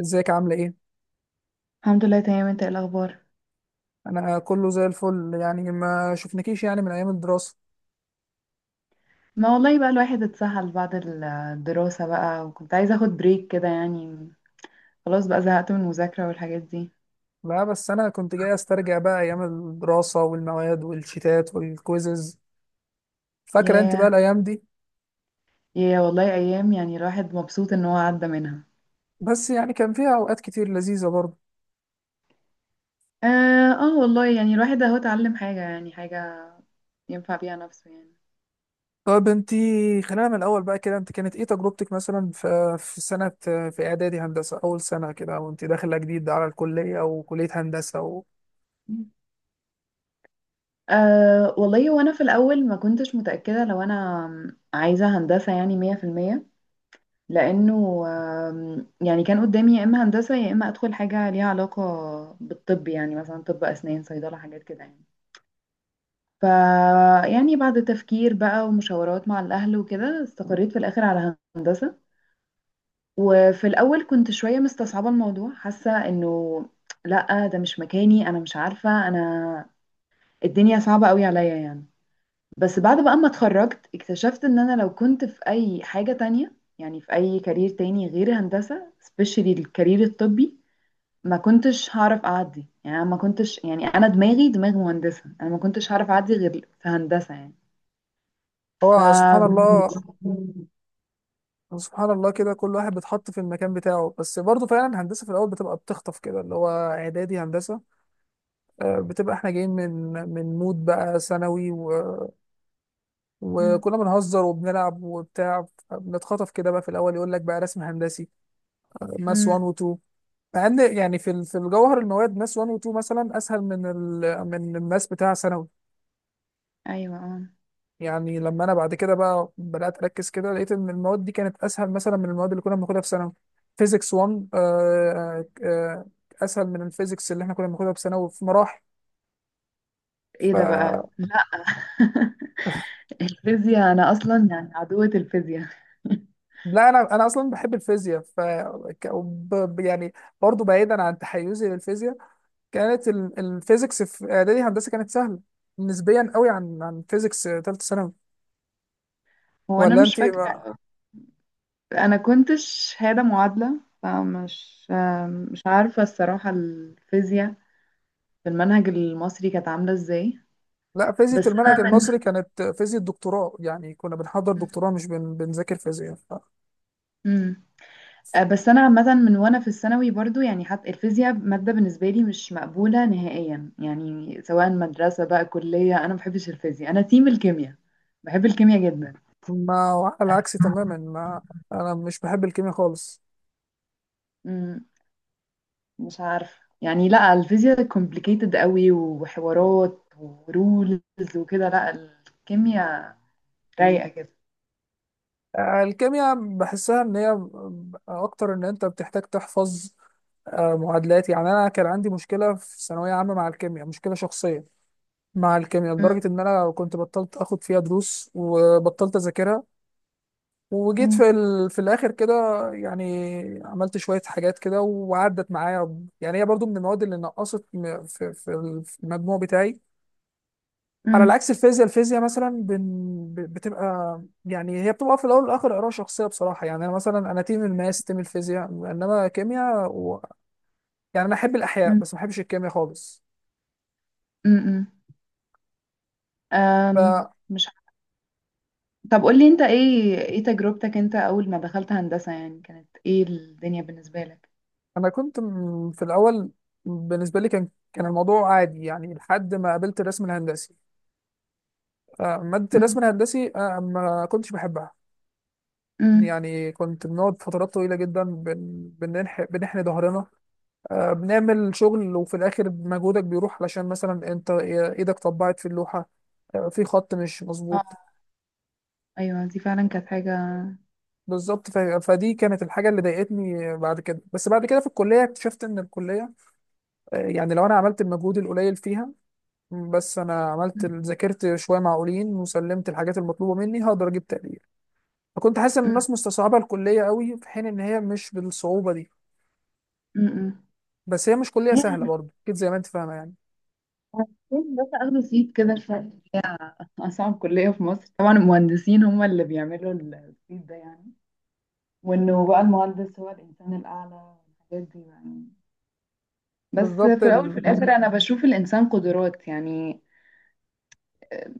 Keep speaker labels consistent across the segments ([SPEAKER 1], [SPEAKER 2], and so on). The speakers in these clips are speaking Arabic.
[SPEAKER 1] ازيك عاملة ايه؟
[SPEAKER 2] الحمد لله تمام. انت ايه الاخبار؟
[SPEAKER 1] انا كله زي الفل، يعني ما شفنكيش يعني من ايام الدراسة.
[SPEAKER 2] ما والله بقى الواحد اتسحل بعد الدراسة بقى، وكنت عايزة اخد بريك كده يعني. خلاص بقى زهقت من المذاكرة والحاجات دي.
[SPEAKER 1] لا، بس انا كنت جاي استرجع بقى ايام الدراسة والمواد والشتات والكويزز. فاكرة انت بقى
[SPEAKER 2] ياه،
[SPEAKER 1] الايام دي؟
[SPEAKER 2] ياه والله، ايام يعني الواحد مبسوط ان هو عدى منها.
[SPEAKER 1] بس يعني كان فيها اوقات كتير لذيذة برضه.
[SPEAKER 2] اه, اه والله، يعني الواحد اهو اتعلم حاجة حاجة ينفع بيها نفسه يعني.
[SPEAKER 1] طب انت، خلينا من الاول بقى كده، انت كانت ايه تجربتك مثلا في سنة في اعدادي هندسة، اول سنة كده، وانت داخلة جديد على الكلية، وكلية هندسة.
[SPEAKER 2] أه والله، وانا في الاول ما كنتش متأكدة لو انا عايزة هندسة يعني مية في المية، لانه يعني كان قدامي يا اما هندسه يا اما ادخل حاجه ليها علاقه بالطب، يعني مثلا طب اسنان، صيدله، حاجات كده يعني. ف يعني بعد تفكير بقى ومشاورات مع الاهل وكده، استقريت في الاخر على هندسه. وفي الاول كنت شويه مستصعبه الموضوع، حاسه انه لا ده مش مكاني، انا مش عارفه، انا الدنيا صعبه قوي عليا يعني. بس بعد بقى ما اتخرجت اكتشفت ان انا لو كنت في اي حاجة تانية، يعني في اي كارير تاني غير هندسة، سبيشالي الكارير الطبي، ما كنتش هعرف اعدي، يعني أنا ما كنتش انا دماغي دماغ مهندسة، انا ما كنتش هعرف اعدي غير في هندسة يعني. ف
[SPEAKER 1] هو سبحان الله، سبحان الله، كده كل واحد بيتحط في المكان بتاعه. بس برضه فعلا هندسة في الأول بتبقى بتخطف كده، اللي هو إعدادي هندسة. بتبقى إحنا جايين من مود بقى ثانوي،
[SPEAKER 2] مم.
[SPEAKER 1] وكنا بنهزر وبنلعب وبتاع. بنتخطف كده بقى في الأول، يقول لك بقى رسم هندسي، ماس 1
[SPEAKER 2] مم.
[SPEAKER 1] و 2. مع إن يعني في الجوهر المواد ماس 1 و 2 مثلا أسهل من الماس بتاع ثانوي.
[SPEAKER 2] ايوه آه.
[SPEAKER 1] يعني لما انا بعد كده بقى بدات اركز كده لقيت ان المواد دي كانت اسهل مثلا من المواد اللي كنا بناخدها في ثانوي. فيزيكس 1 اسهل من الفيزيكس اللي احنا كنا بناخدها في ثانوي في مراحل.
[SPEAKER 2] ايه
[SPEAKER 1] ف
[SPEAKER 2] ده بقى. الفيزياء انا اصلا يعني عدوة الفيزياء.
[SPEAKER 1] لا، انا اصلا بحب الفيزياء. ف ك- وب- ب- يعني برضو بعيدا عن تحيزي للفيزياء، كانت الفيزيكس في اعدادي هندسه كانت سهله نسبيا قوي عن فيزيكس ثالثه ثانوي.
[SPEAKER 2] هو انا
[SPEAKER 1] ولا
[SPEAKER 2] مش
[SPEAKER 1] انت
[SPEAKER 2] فاكرة،
[SPEAKER 1] ما...
[SPEAKER 2] انا كنت شهاده معادله مش عارفه الصراحه الفيزياء في المنهج المصري كانت عامله ازاي.
[SPEAKER 1] لا،
[SPEAKER 2] بس
[SPEAKER 1] فيزياء المنهج
[SPEAKER 2] انا من
[SPEAKER 1] المصري كانت فيزياء الدكتوراه، يعني كنا بنحضر دكتوراه مش بنذاكر فيزياء.
[SPEAKER 2] مم. بس انا عامه من وانا في الثانوي برضو، يعني حتى الفيزياء ماده بالنسبه لي مش مقبوله نهائيا، يعني سواء مدرسه بقى كليه، انا ما بحبش الفيزياء، انا تيم الكيمياء، بحب الكيمياء جدا.
[SPEAKER 1] ما هو على العكس تماما، ما انا مش بحب الكيمياء خالص.
[SPEAKER 2] مم. مش عارفه يعني، لا الفيزياء كومبليكيتد قوي وحوارات ورولز وكده، لا الكيمياء رايقه كده.
[SPEAKER 1] الكيمياء بحسها ان هي اكتر ان انت بتحتاج تحفظ معادلات. يعني انا كان عندي مشكله في ثانويه عامه مع الكيمياء، مشكله شخصيه مع الكيمياء،
[SPEAKER 2] مم.
[SPEAKER 1] لدرجه ان انا كنت بطلت اخد فيها دروس وبطلت اذاكرها. وجيت
[SPEAKER 2] مم.
[SPEAKER 1] في الاخر كده، يعني عملت شويه حاجات كده وعدت معايا. يعني هي برضو من المواد اللي نقصت في المجموع بتاعي. على
[SPEAKER 2] مم.
[SPEAKER 1] العكس الفيزياء، مثلا بتبقى، يعني هي بتبقى في الاول والاخر اراء شخصيه بصراحه. يعني انا مثلا انا تيم الماس، تيم الفيزياء، انما كيمياء، يعني انا احب الاحياء بس ما احبش الكيمياء خالص.
[SPEAKER 2] مم.
[SPEAKER 1] فانا
[SPEAKER 2] مش عارفة. طب قول لي انت، ايه تجربتك انت اول ما دخلت هندسة، يعني كانت ايه الدنيا بالنسبة لك؟
[SPEAKER 1] كنت في الاول، بالنسبه لي كان الموضوع عادي يعني لحد ما قابلت الرسم الهندسي. ماده الرسم
[SPEAKER 2] مم.
[SPEAKER 1] الهندسي ما كنتش بحبها،
[SPEAKER 2] مم.
[SPEAKER 1] يعني كنت بنقعد فترات طويله جدا بنحني ظهرنا. بنعمل شغل، وفي الاخر مجهودك بيروح علشان مثلا انت ايدك طبعت في اللوحة، في خط مش مظبوط.
[SPEAKER 2] اه، ايوه دي فعلا كانت حاجة.
[SPEAKER 1] بالظبط، فدي كانت الحاجة اللي ضايقتني. بعد كده، بس بعد كده في الكلية اكتشفت ان الكلية، يعني لو انا عملت المجهود القليل فيها، بس انا عملت،
[SPEAKER 2] مم.
[SPEAKER 1] ذاكرت شوية معقولين وسلمت الحاجات المطلوبة مني، هقدر اجيب تقدير. فكنت حاسس ان
[SPEAKER 2] مم.
[SPEAKER 1] الناس مستصعبة الكلية قوي، في حين ان هي مش بالصعوبة دي.
[SPEAKER 2] مم.
[SPEAKER 1] بس هي مش كلية
[SPEAKER 2] هي
[SPEAKER 1] سهلة برضه اكيد زي ما انت فاهمة يعني.
[SPEAKER 2] المهندسين بس اخدوا سيت كده شوية. اصعب كلية في مصر طبعا، المهندسين هم اللي بيعملوا السيت ده يعني، وانه بقى المهندس هو الانسان الاعلى والحاجات دي يعني. بس في
[SPEAKER 1] بالظبط،
[SPEAKER 2] الاول في الاخر انا بشوف الانسان قدرات يعني.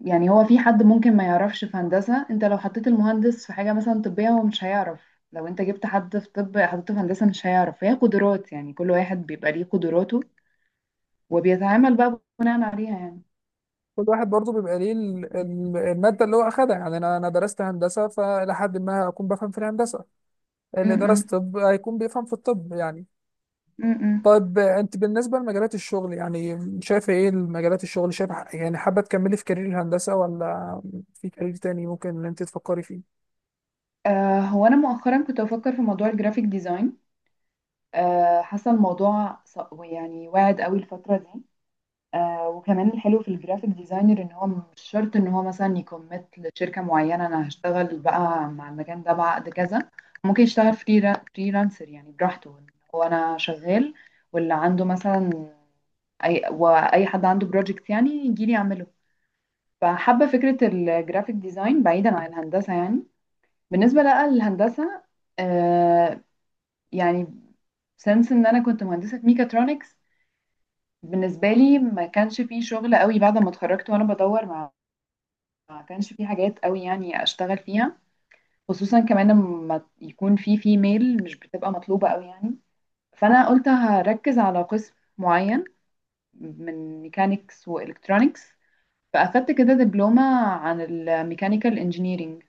[SPEAKER 2] يعني هو في حد ممكن ما يعرفش في هندسة، انت لو حطيت المهندس في حاجة مثلا طبية هو مش هيعرف، لو انت جبت حد في طب حطيته في هندسة مش هيعرف. هي قدرات يعني، كل واحد بيبقى ليه قدراته وبيتعامل بقى بناء عليها يعني.
[SPEAKER 1] كل واحد برضه بيبقى ليه المادة اللي هو أخدها. يعني أنا درست هندسة، فلحد ما أكون بفهم في الهندسة،
[SPEAKER 2] م
[SPEAKER 1] اللي درس
[SPEAKER 2] -م.
[SPEAKER 1] طب هيكون بيفهم في الطب يعني.
[SPEAKER 2] م -م.
[SPEAKER 1] طيب أنت بالنسبة لمجالات الشغل، يعني شايفة إيه المجالات الشغل؟ شايفة يعني حابة تكملي في كارير الهندسة، ولا في كارير تاني ممكن إن أنت تفكري فيه؟
[SPEAKER 2] هو انا مؤخرا كنت بفكر في موضوع الجرافيك ديزاين. حاسة الموضوع يعني واعد قوي الفترة دي. وكمان الحلو في الجرافيك ديزاينر ان هو مش شرط ان هو مثلا يكمت لشركة معينة، انا هشتغل بقى مع المكان ده بعقد كذا. ممكن يشتغل فريلانسر، يعني براحته، إن هو انا شغال، واللي عنده مثلا اي واي حد عنده بروجكت يعني يجي لي يعمله. فحابة فكرة الجرافيك ديزاين بعيدا عن الهندسة يعني. بالنسبة لقى للهندسة، آه يعني سنس ان انا كنت مهندسة ميكاترونكس، بالنسبة لي ما كانش فيه شغل قوي بعد ما اتخرجت، وانا بدور مع ما كانش في حاجات قوي يعني اشتغل فيها، خصوصا كمان لما يكون في فيميل مش بتبقى مطلوبة قوي يعني. فانا قلت هركز على قسم معين من ميكانيكس والكترونكس، فاخدت كده دبلومة عن الميكانيكال انجينيرينج.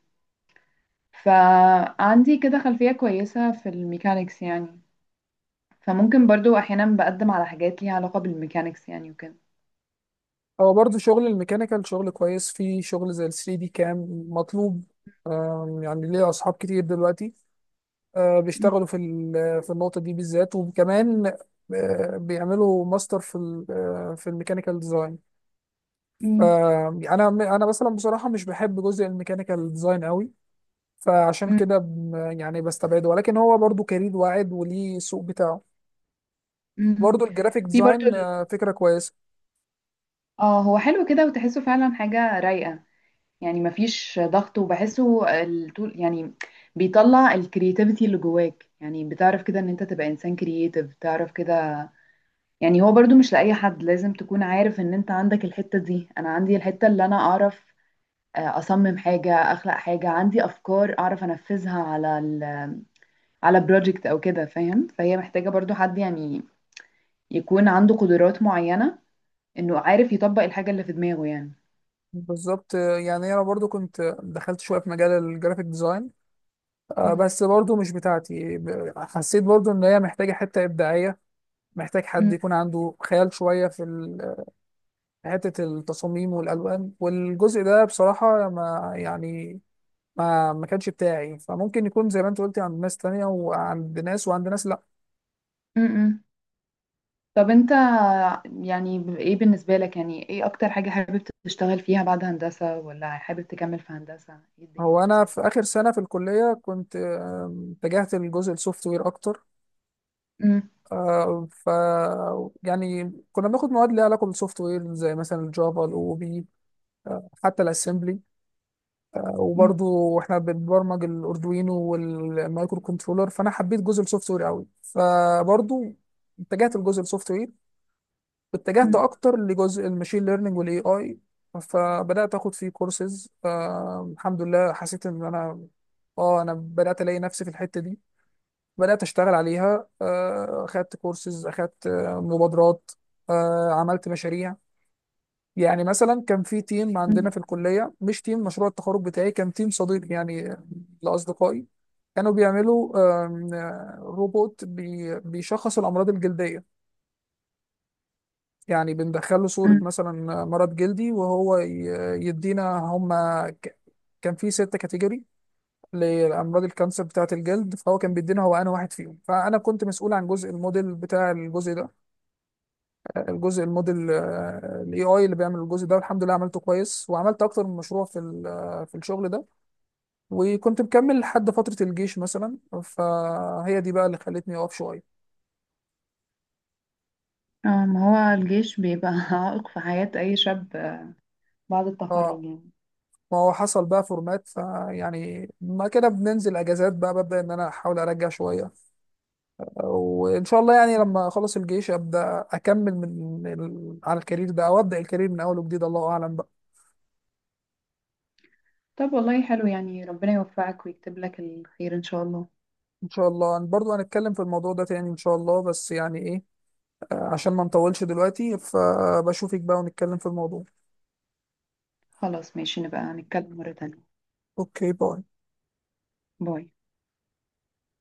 [SPEAKER 2] فعندي كده خلفية كويسة في الميكانيكس يعني، فممكن برضو احيانا بقدم على حاجات ليها علاقة بالميكانيكس يعني وكده.
[SPEAKER 1] هو برضه شغل الميكانيكال شغل كويس، في شغل زي ال 3D كام مطلوب. يعني ليه أصحاب كتير دلوقتي
[SPEAKER 2] م-
[SPEAKER 1] بيشتغلوا في النقطة دي بالذات، وكمان بيعملوا ماستر في ال- آه، في الميكانيكال ديزاين.
[SPEAKER 2] م-
[SPEAKER 1] فأنا، مثلا بصراحة مش بحب جزء الميكانيكال ديزاين قوي، فعشان
[SPEAKER 2] م-
[SPEAKER 1] كده يعني بستبعده. ولكن هو برضو كارير واعد وليه السوق بتاعه.
[SPEAKER 2] م.
[SPEAKER 1] برضو الجرافيك
[SPEAKER 2] في برضو
[SPEAKER 1] ديزاين
[SPEAKER 2] ال-
[SPEAKER 1] فكرة كويسة.
[SPEAKER 2] اه هو حلو كده، وتحسه فعلا حاجة رايقة، يعني مفيش ضغط. وبحسه طول يعني بيطلع الكرياتيفيتي اللي جواك، يعني بتعرف كده ان انت تبقى انسان كرياتيف، تعرف كده. يعني هو برضو مش لأي حد، لازم تكون عارف ان انت عندك الحتة دي، انا عندي الحتة اللي انا اعرف اصمم حاجة، اخلق حاجة، عندي افكار اعرف انفذها على على بروجكت او كده، فاهم؟ فهي محتاجة برضو حد يعني يكون عنده قدرات معينة، انه عارف يطبق الحاجة اللي في دماغه يعني.
[SPEAKER 1] بالظبط، يعني أنا برضو كنت دخلت شوية في مجال الجرافيك ديزاين،
[SPEAKER 2] م-
[SPEAKER 1] بس برضو مش بتاعتي. حسيت برضو إن هي محتاجة حتة إبداعية، محتاج حد
[SPEAKER 2] م-
[SPEAKER 1] يكون عنده خيال شوية في حتة التصاميم والألوان والجزء ده بصراحة، ما يعني، ما كانش بتاعي. فممكن يكون زي ما انت قلتي عند ناس تانية وعند ناس، وعند ناس لا.
[SPEAKER 2] م- م. طب انت يعني ايه بالنسبة لك، يعني ايه اكتر حاجة حابب تشتغل فيها بعد هندسة، ولا حابب تكمل في هندسة؟ ايه الدنيا
[SPEAKER 1] هو أنا
[SPEAKER 2] بالنسبة لك؟
[SPEAKER 1] في آخر سنة في الكلية كنت، اتجهت للجزء السوفت وير أكتر.
[SPEAKER 2] مم.
[SPEAKER 1] آه، ف يعني كنا بناخد مواد ليها علاقة بالسوفت وير، زي مثلا الجافا الأو بي، حتى الأسمبلي،
[SPEAKER 2] مم.
[SPEAKER 1] وبرضو احنا بنبرمج الأردوينو والمايكرو كنترولر. فأنا حبيت جزء السوفت وير قوي، فبرضو اتجهت لجزء السوفت وير، اتجهت
[SPEAKER 2] مم.
[SPEAKER 1] اكتر لجزء الماشين ليرنينج والاي اي، فبدات اخد فيه كورسز. الحمد لله حسيت ان انا، اه انا بدات الاقي نفسي في الحته دي، بدات اشتغل عليها. اخدت كورسز، اخدت مبادرات، عملت مشاريع. يعني مثلا كان في تيم عندنا
[SPEAKER 2] مم.
[SPEAKER 1] في الكليه، مش تيم مشروع التخرج بتاعي، كان تيم صديق يعني لاصدقائي، كانوا بيعملوا آم، آه، روبوت بيشخص الامراض الجلديه. يعني بندخله صورة
[SPEAKER 2] مم.
[SPEAKER 1] مثلا مرض جلدي وهو يدينا هما. كان في ستة كاتيجوري لأمراض الكانسر بتاعة الجلد، فهو كان بيدينا هو أنا واحد فيهم. فأنا كنت مسؤول عن جزء الموديل بتاع الجزء ده، الجزء الموديل الاي اي اللي بيعمل الجزء ده. والحمد لله عملته كويس، وعملت أكتر من مشروع في ال- آه، في الشغل ده، وكنت مكمل لحد فترة الجيش مثلا. فهي دي بقى اللي خلتني أقف شوية.
[SPEAKER 2] اه، ما هو الجيش بيبقى عائق في حياة اي شاب بعد
[SPEAKER 1] اه،
[SPEAKER 2] التخرج يعني.
[SPEAKER 1] ما هو حصل بقى فورمات، فيعني ما كده بننزل اجازات بقى ببدا ان انا احاول ارجع شويه. وان شاء الله يعني لما اخلص الجيش ابدا اكمل على الكارير ده، او ابدا الكارير من اول وجديد، الله اعلم بقى.
[SPEAKER 2] طب والله حلو، يعني ربنا يوفقك ويكتب لك الخير ان شاء الله.
[SPEAKER 1] ان شاء الله، أنا برضو هنتكلم في الموضوع ده تاني ان شاء الله، بس يعني ايه، عشان ما نطولش دلوقتي، فبشوفك بقى ونتكلم في الموضوع.
[SPEAKER 2] خلاص ماشي، نبقى نتكلم مرة تانية.
[SPEAKER 1] اوكي، باي.
[SPEAKER 2] باي.